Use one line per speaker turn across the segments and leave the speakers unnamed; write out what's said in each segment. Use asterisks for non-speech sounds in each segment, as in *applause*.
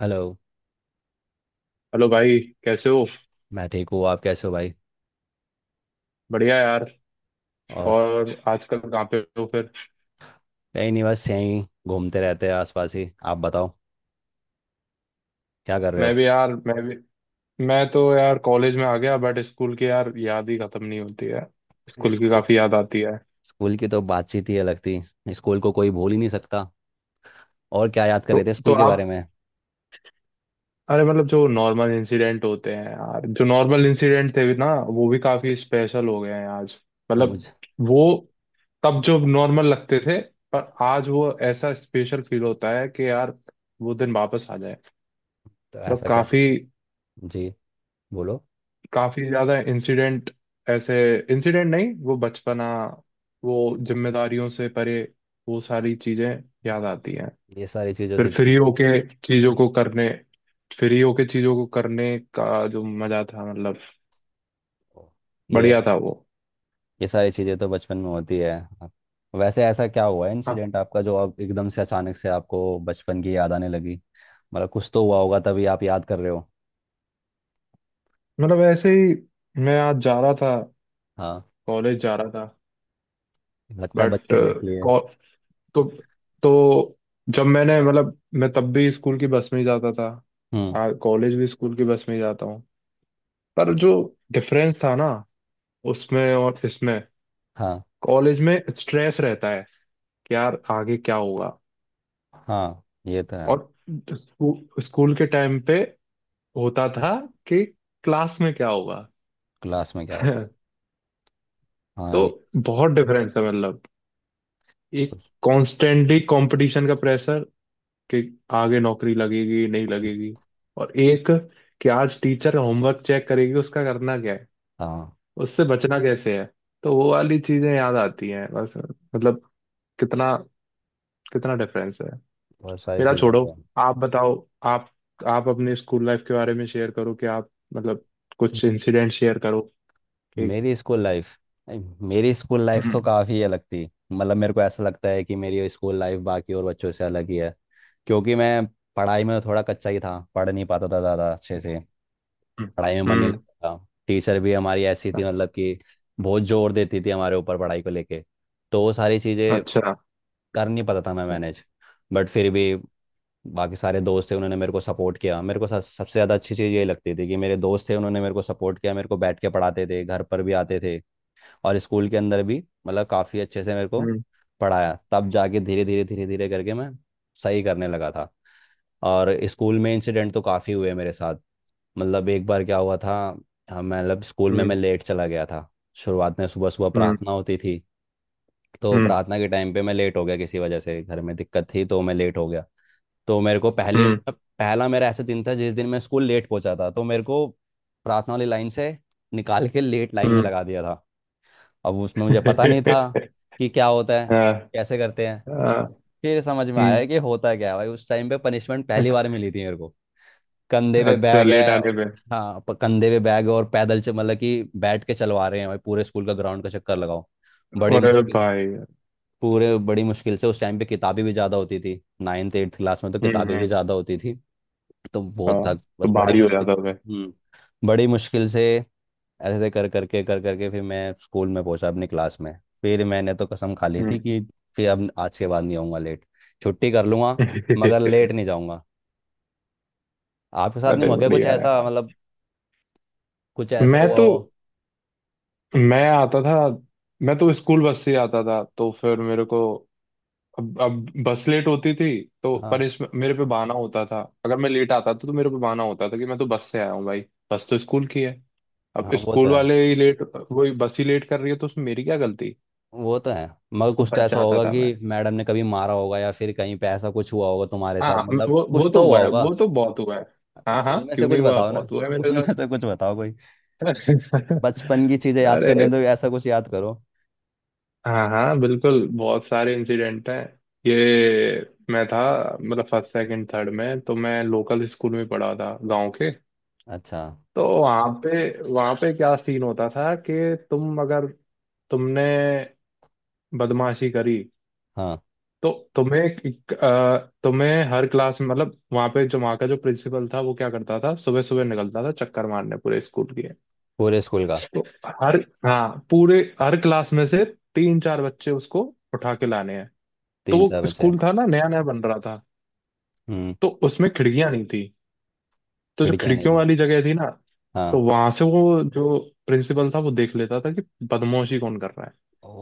Hello.
Hello भाई। कैसे हो?
मैं ठीक हूँ, आप कैसे हो भाई?
बढ़िया यार।
और
और आजकल कहाँ पे हो फिर?
कहीं नहीं, बस यहीं घूमते रहते हैं आसपास ही। आप बताओ क्या कर रहे
मैं
हो?
भी यार, मैं भी। मैं तो यार कॉलेज में आ गया, बट स्कूल की यार याद ही खत्म नहीं होती है। स्कूल की
इसको
काफी याद आती है।
स्कूल की तो बातचीत ही अलग थी। स्कूल को कोई भूल ही नहीं सकता। और क्या याद कर
तो
रहे थे
तो
स्कूल के बारे
आप,
में?
अरे मतलब जो नॉर्मल इंसिडेंट होते हैं यार, जो नॉर्मल इंसिडेंट थे भी ना, वो भी काफी स्पेशल हो गए हैं आज।
तो
मतलब
मुझे
वो तब जो नॉर्मल लगते थे, पर आज वो ऐसा स्पेशल फील होता है कि यार वो दिन वापस आ जाए।
तो
मतलब
ऐसा क्या?
काफी,
जी, बोलो।
काफी ज्यादा इंसिडेंट, ऐसे इंसिडेंट नहीं, वो बचपना, वो जिम्मेदारियों से परे, वो सारी चीजें याद आती हैं।
ये सारी चीज़ें
फिर
होती थी।
फ्री होके चीजों को करने फ्री होके चीजों को करने का जो मजा था, मतलब
ये
बढ़िया था वो।
ये सारी चीज़ें तो बचपन में होती है। वैसे ऐसा क्या हुआ है
हाँ,
इंसिडेंट आपका जो अब एकदम से अचानक से आपको बचपन की याद आने लगी? मतलब कुछ तो हुआ होगा तभी आप याद कर रहे हो।
मतलब ऐसे ही। मैं आज जा रहा था,
हाँ,
कॉलेज जा रहा था,
लगता है
बट
बच्चे देख लिए।
तो तो जब मैंने, मतलब, मैं तब भी स्कूल की बस में ही जाता
हम्म।
था, कॉलेज भी स्कूल की बस में ही जाता हूँ। पर जो डिफरेंस था ना, उसमें और इसमें,
हाँ।
कॉलेज में स्ट्रेस रहता है कि यार आगे क्या होगा।
हाँ ये तो है।
और स्कूल के टाइम पे होता था कि क्लास में क्या होगा।
क्लास में क्या होता
*laughs*
है।
तो
हाँ ये
बहुत डिफरेंस है मतलब। एक
कुछ-
कॉन्स्टेंटली कंपटीशन का प्रेशर, कि आगे नौकरी लगेगी, नहीं लगेगी। और एक कि आज टीचर होमवर्क चेक करेगी, उसका करना क्या है,
हाँ
उससे बचना कैसे है। तो वो वाली चीजें याद आती हैं बस, मतलब कितना, कितना डिफरेंस है।
बहुत सारी
मेरा
चीज़
छोड़ो,
होती है।
आप बताओ। आप आप अपने स्कूल लाइफ के बारे में शेयर करो कि आप, मतलब, कुछ इंसिडेंट शेयर करो कि
मेरी स्कूल लाइफ। मेरी स्कूल लाइफ तो
हम्म,
काफ़ी अलग थी। मतलब मेरे को ऐसा लगता है कि मेरी स्कूल लाइफ बाकी और बच्चों से अलग ही है। क्योंकि मैं पढ़ाई में तो थोड़ा कच्चा ही था, पढ़ नहीं पाता था ज़्यादा अच्छे से।
हम्म,
पढ़ाई में मन नहीं
हम्म।
लगता था। टीचर भी हमारी ऐसी थी
अच्छा,
मतलब कि बहुत जोर देती थी हमारे ऊपर पढ़ाई को लेके। तो वो सारी चीज़ें
अच्छा।
कर नहीं पाता था मैं मैनेज। बट फिर भी बाकी सारे दोस्त थे, उन्होंने मेरे को सपोर्ट किया। मेरे को सबसे ज़्यादा अच्छी चीज़ ये लगती थी कि मेरे दोस्त थे, उन्होंने मेरे को सपोर्ट किया। मेरे को बैठ के पढ़ाते थे, घर पर भी आते थे और स्कूल के अंदर भी मतलब काफ़ी अच्छे से मेरे को
हम्म,
पढ़ाया। तब जाके धीरे धीरे करके मैं सही करने लगा था। और स्कूल में इंसिडेंट तो काफ़ी हुए मेरे साथ। मतलब एक बार क्या हुआ था, हम मतलब स्कूल में
हम्म,
मैं लेट चला गया था। शुरुआत में सुबह सुबह
हम्म,
प्रार्थना होती थी। तो
हम्म,
प्रार्थना के टाइम पे मैं लेट हो गया, किसी वजह से घर में दिक्कत थी तो मैं लेट हो गया। तो मेरे को पहली
हम्म,
पहला मेरा ऐसा दिन था जिस दिन मैं स्कूल लेट पहुंचा था। तो मेरे को प्रार्थना वाली लाइन से निकाल के लेट लाइन में
हम्म।
लगा दिया था। अब उसमें मुझे पता नहीं था
*laughs*
कि क्या होता है,
हाँ,
कैसे करते हैं।
हाँ,
फिर समझ में आया
हम्म।
कि होता क्या है भाई। उस टाइम पे पनिशमेंट पहली बार मिली थी मेरे को। कंधे पे
अच्छा,
बैग
लेट
है।
आने पे?
हाँ कंधे पे बैग और पैदल से, मतलब कि बैठ के चलवा रहे हैं भाई, पूरे स्कूल का ग्राउंड का चक्कर लगाओ। बड़ी
अरे
मुश्किल।
भाई।
पूरे बड़ी मुश्किल से। उस टाइम पे किताबें भी ज़्यादा होती थी, नाइन्थ एट्थ क्लास में तो
हम्म,
किताबें भी
हम्म।
ज़्यादा होती थी। तो
हाँ।
बहुत था,
तो
बस बड़ी
भारी हो
मुश्किल।
जाता है।
हम्म बड़ी मुश्किल से ऐसे कर करके फिर मैं स्कूल में पहुंचा अपनी क्लास में। फिर मैंने तो कसम खा ली थी
हम्म।
कि फिर अब आज के बाद नहीं आऊँगा लेट। छुट्टी कर लूँगा मगर
*laughs*
लेट नहीं जाऊँगा। आपके साथ नहीं
अरे
हुआ क्या कुछ
बढ़िया
ऐसा,
यार।
मतलब कुछ ऐसा
मैं
हुआ
तो,
हो?
मैं आता था मैं तो स्कूल बस से आता था। तो फिर मेरे को अब बस लेट होती थी। तो पर
हाँ
इसमें मेरे पे बहाना होता था, अगर मैं लेट आता था तो मेरे पे बहाना होता था कि मैं तो बस से आया हूँ भाई। बस तो स्कूल की है।
हाँ।
अब
वो तो
स्कूल
है।
वाले ही लेट, वही बस ही लेट कर रही है, तो उसमें मेरी क्या गलती।
वो तो है मगर
तो
कुछ तो
बच
ऐसा
जाता
होगा
था मैं।
कि मैडम ने कभी मारा होगा या फिर कहीं पे ऐसा कुछ हुआ होगा तुम्हारे साथ,
हाँ,
मतलब
वो
कुछ
तो
तो हुआ
हुआ है,
होगा।
वो तो बहुत हुआ है।
तो
हाँ, हाँ,
उनमें से
क्यों
कुछ
नहीं हुआ?
बताओ ना।
बहुत हुआ है
*laughs*
मेरे साथ।
उनमें से कुछ बताओ कोई।
*laughs*
बचपन की चीजें याद करनी
अरे।
है तो ऐसा कुछ याद करो।
हाँ, हाँ, बिल्कुल, बहुत सारे इंसिडेंट हैं। ये, मैं था, मतलब फर्स्ट, सेकंड, थर्ड में तो मैं लोकल स्कूल में पढ़ा था, गांव के।
अच्छा।
तो वहाँ पे क्या सीन होता था कि तुम अगर तुमने बदमाशी करी,
हाँ।
तो तुम्हें हर क्लास में, मतलब वहाँ पे जो, वहाँ का जो प्रिंसिपल था, वो क्या करता था, सुबह सुबह निकलता था चक्कर मारने पूरे स्कूल के।
पूरे स्कूल का।
तो हर, हाँ, पूरे हर क्लास में से तीन चार बच्चे उसको उठा के लाने हैं। तो
तीन चार
वो
बच्चे।
स्कूल था ना, नया नया बन रहा था,
हम्म।
तो उसमें खिड़कियां नहीं थी। तो जो
खिड़कियाँ नहीं
खिड़कियों
थी।
वाली जगह थी ना, तो
हाँ।
वहां से वो जो प्रिंसिपल था, वो देख लेता था कि बदमाशी कौन कर रहा है।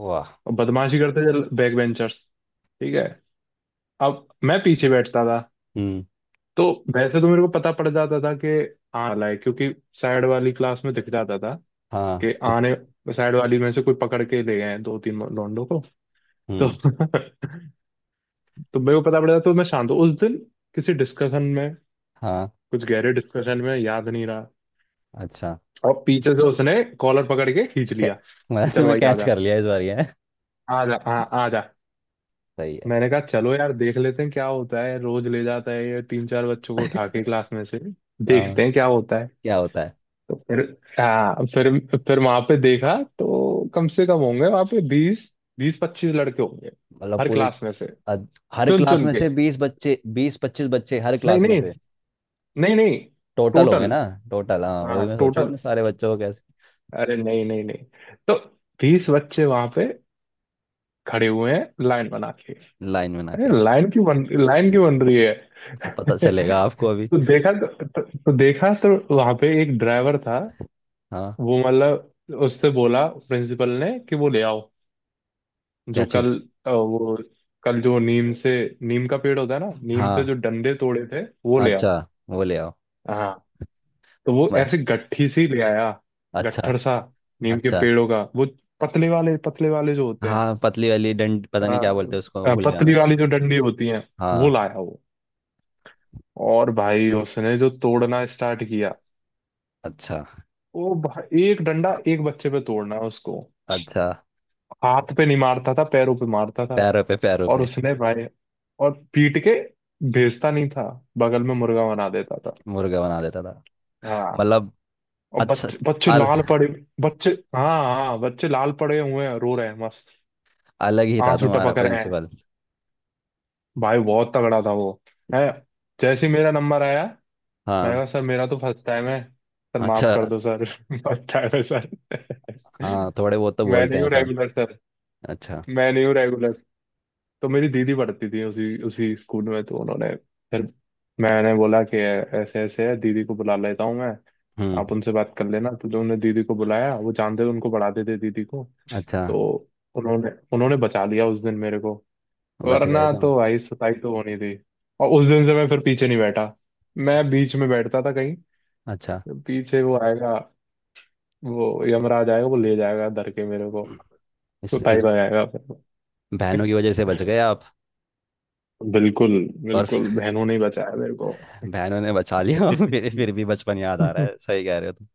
वाह।
और बदमाशी करते थे बैक बेंचर्स। ठीक है। अब मैं पीछे बैठता था।
हम्म।
तो वैसे तो मेरे को पता पड़ जाता था कि आने वाला है, क्योंकि साइड वाली क्लास में दिख जाता था कि
हाँ।
आने साइड वाली में से कोई पकड़ के ले गए हैं दो तीन लोंडो को। तो
हम्म।
*laughs* तो मेरे को पता पड़ जाता, तो मैं शांत हूँ उस दिन, किसी डिस्कशन में
हाँ।
कुछ गहरे डिस्कशन में, याद नहीं रहा।
अच्छा।
और पीछे से उसने कॉलर पकड़ के खींच
क्या,
लिया कि
मतलब
चल
तुम्हें
भाई,
कैच
आजा।
कर लिया इस बार ये?
आजा, हाँ, आजा।
सही है।
मैंने कहा चलो यार देख लेते हैं क्या होता है, रोज ले जाता है ये तीन चार बच्चों को उठा के
*laughs*
क्लास में से। देखते
हाँ,
हैं क्या होता है।
क्या होता है?
तो फिर, हाँ, फिर वहां पे देखा, तो कम से कम होंगे वहां पे 20, 20 25 लड़के होंगे,
मतलब
हर
पूरी?
क्लास में से
अद- हर
चुन
क्लास
चुन
में
के।
से बीस बच्चे, बीस पच्चीस बच्चे हर
नहीं,
क्लास में
नहीं,
से?
नहीं, नहीं।
टोटल होंगे
टोटल,
ना? टोटल हाँ,
हाँ,
वही मैं सोचू
टोटल।
इतने सारे बच्चों को कैसे।
अरे, नहीं, नहीं, नहीं। तो 20 बच्चे वहां पे खड़े हुए हैं लाइन बना के।
लाइन बना
अरे
के?
लाइन क्यों बन रही है?
तो
*laughs*
पता चलेगा आपको अभी।
तो देखा तो देखा तो वहां पे एक ड्राइवर था।
हाँ।
वो, मतलब, उससे बोला प्रिंसिपल ने कि वो ले आओ,
क्या
जो
चीज?
कल वो कल जो नीम से, नीम का पेड़ होता है ना, नीम से
हाँ।
जो डंडे तोड़े थे, वो ले
अच्छा,
आओ।
वो ले आओ।
हाँ, तो वो
म-
ऐसे गट्ठी सी ले आया,
अच्छा।
गट्ठर सा, नीम के
अच्छा।
पेड़ों का वो, पतले वाले जो होते हैं।
हाँ पतली वाली डंड,
अ,
पता नहीं क्या बोलते हैं उसको, भूल गया मैं।
पतली वाली जो डंडी होती है, वो
हाँ।
लाया वो। और भाई उसने जो तोड़ना स्टार्ट किया,
अच्छा।
वो भाई एक डंडा एक बच्चे पे तोड़ना उसको,
अच्छा।
हाथ पे नहीं मारता था, पैरों पे मारता था।
पैरों पे, पैरों
और
पे।
उसने भाई, और पीट के भेजता नहीं था, बगल में मुर्गा बना देता था।
मुर्गा बना देता था?
हाँ,
मतलब।
और
अच्छा।
बच्चे बच्चे
अल,
लाल पड़े, बच्चे, हाँ, हाँ, बच्चे लाल पड़े हुए हैं, रो रहे हैं मस्त।
अलग ही था
आंसू
तुम्हारा
टपक रहे हैं,
प्रिंसिपल।
भाई बहुत तगड़ा था वो। है। जैसे ही मेरा नंबर आया, मैं
हाँ।
कहा, सर मेरा तो फर्स्ट टाइम है, सर
अच्छा।
माफ कर दो सर। *laughs* फर्स्ट टाइम है सर। *laughs*
हाँ थोड़े बहुत तो
मैं
बोलते
नहीं
हैं
हूँ
सब।
Regular sir.
अच्छा।
मैं नहीं हूँ रेगुलर। तो मेरी दीदी पढ़ती थी उसी उसी स्कूल में, तो उन्होंने, फिर मैंने बोला कि ऐसे ऐसे है, दीदी को बुला लेता हूँ मैं,
हम्म।
आप उनसे बात कर लेना। तो जो उन्होंने दीदी को बुलाया, वो जानते थे उनको, पढ़ाते थे दीदी को।
अच्छा।
तो उन्होंने उन्होंने बचा लिया उस दिन मेरे को,
बच गए
वरना
तुम।
तो भाई सुताई तो होनी थी। और उस दिन से मैं फिर पीछे नहीं बैठा, मैं बीच में बैठता था कहीं।
अच्छा।
पीछे वो आएगा, वो यमराज आएगा, वो ले जाएगा धर के मेरे को,
इस
कुटाई
इस
लगाएगा फिर।
बहनों की वजह से बच गए आप?
बिल्कुल,
और *laughs*
बिल्कुल
फिर
बहनों ने ही बचाया मेरे को।
बहनों ने बचा लिया। *laughs* फिर भी बचपन याद आ रहा
तो
है, सही कह रहे हो तुम।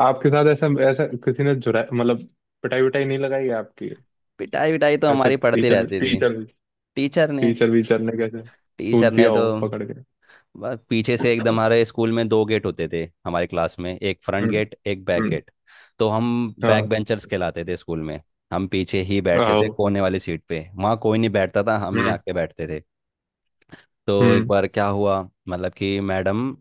आपके साथ ऐसा ऐसा किसी ने जुरा, मतलब पिटाई विटाई नहीं लगाई है आपकी?
पिटाई विटाई तो
ऐसे
हमारी पड़ती
टीचर
रहती थी।
टीचर
टीचर ने।
टीचर वीचर ने कैसे
टीचर
सूद
ने
दिया
तो
हो पकड़ के?
बस पीछे से एकदम,
हम्म,
हमारे स्कूल में दो गेट होते थे, हमारे क्लास में एक फ्रंट गेट एक बैक
हम्म।
गेट। तो हम बैक
हाँ।
बेंचर्स कहलाते थे स्कूल में। हम पीछे ही बैठते
आओ।
थे कोने वाली सीट पे, वहाँ कोई नहीं बैठता था, हम ही
हम्म,
आके बैठते थे। तो एक
हम्म,
बार क्या हुआ, मतलब कि मैडम,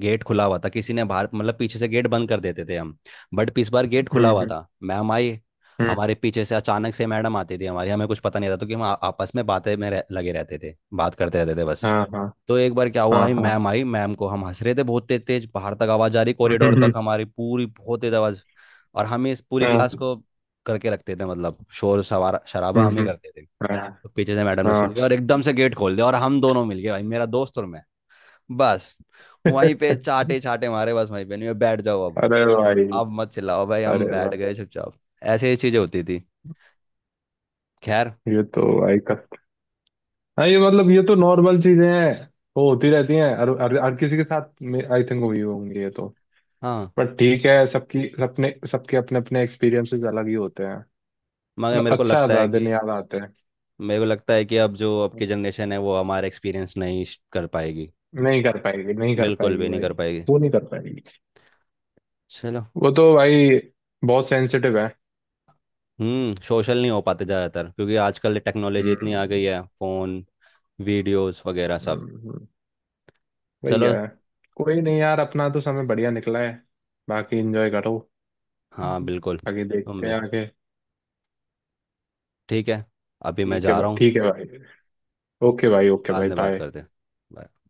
गेट खुला हुआ था, किसी ने बाहर, मतलब पीछे से गेट बंद कर देते थे हम। बट इस बार गेट
हम्म,
खुला हुआ था, मैम आई
हम्म।
हमारे पीछे से। अचानक से मैडम आती थी हमारी, हमें कुछ पता नहीं रहता क्योंकि हम आपस में बातें में लगे रहते थे बात करते रहते थे बस।
हाँ, हाँ,
तो एक बार क्या हुआ,
हाँ,
आई
हाँ।
मैम, आई मैम को हम हंस रहे थे बहुत तेज तेज, बाहर तक आवाज आ रही
हम्म,
कॉरिडोर तक
हम्म।
हमारी, पूरी बहुत तेज आवाज। और हम इस पूरी
हाँ।
क्लास को करके रखते थे, मतलब शोर सवार शराबा
हम्म,
हम ही
हम्म।
करते थे।
हाँ,
तो पीछे से मैडम ने सुन
हाँ।
लिया और एकदम से गेट खोल दिया और हम दोनों मिल गए भाई, मेरा दोस्त और मैं। बस वहीं पे
*laughs*
चाटे चाटे मारे। बस वहीं पे, नहीं बैठ जाओ अब
अरे भाई,
अब मत चिल्लाओ भाई,
अरे
हम बैठ
भाई,
गए चुपचाप। ऐसे ही चीजें होती थी। खैर।
ये तो भाई कस। हाँ, ये, मतलब, ये तो नॉर्मल चीजें हैं, वो होती रहती हैं हर हर, हर किसी के साथ, आई थिंक हुई होंगी ये तो।
हाँ।
पर ठीक है, सबकी सबने सबके अपने अपने एक्सपीरियंसेस अलग ही होते हैं।
मगर
मतलब
मेरे को
अच्छा
लगता
था,
है
दिन
कि
याद आते हैं।
मेरे को लगता है कि अब जो अब की जनरेशन है वो हमारा एक्सपीरियंस नहीं कर पाएगी।
नहीं कर पाएगी, नहीं कर
बिल्कुल
पाएगी
भी नहीं
भाई।
कर पाएगी।
वो नहीं कर पाएगी।
चलो।
वो तो भाई बहुत सेंसिटिव है।
सोशल नहीं हो पाते ज़्यादातर क्योंकि आजकल टेक्नोलॉजी इतनी
हम्म,
आ गई है, फ़ोन, वीडियोस वगैरह सब।
हम्म, हम्म। वही
चलो।
है। कोई नहीं यार, अपना तो समय बढ़िया निकला है। बाकी एंजॉय करो।
हाँ
हम्म।
बिल्कुल,
आगे
तुम
देखते हैं
भी।
आगे।
ठीक है, अभी मैं
ठीक है
जा
भाई,
रहा हूँ।
ठीक है भाई। ओके भाई, ओके
बाद
भाई,
में बात
बाय।
करते हैं। Bye.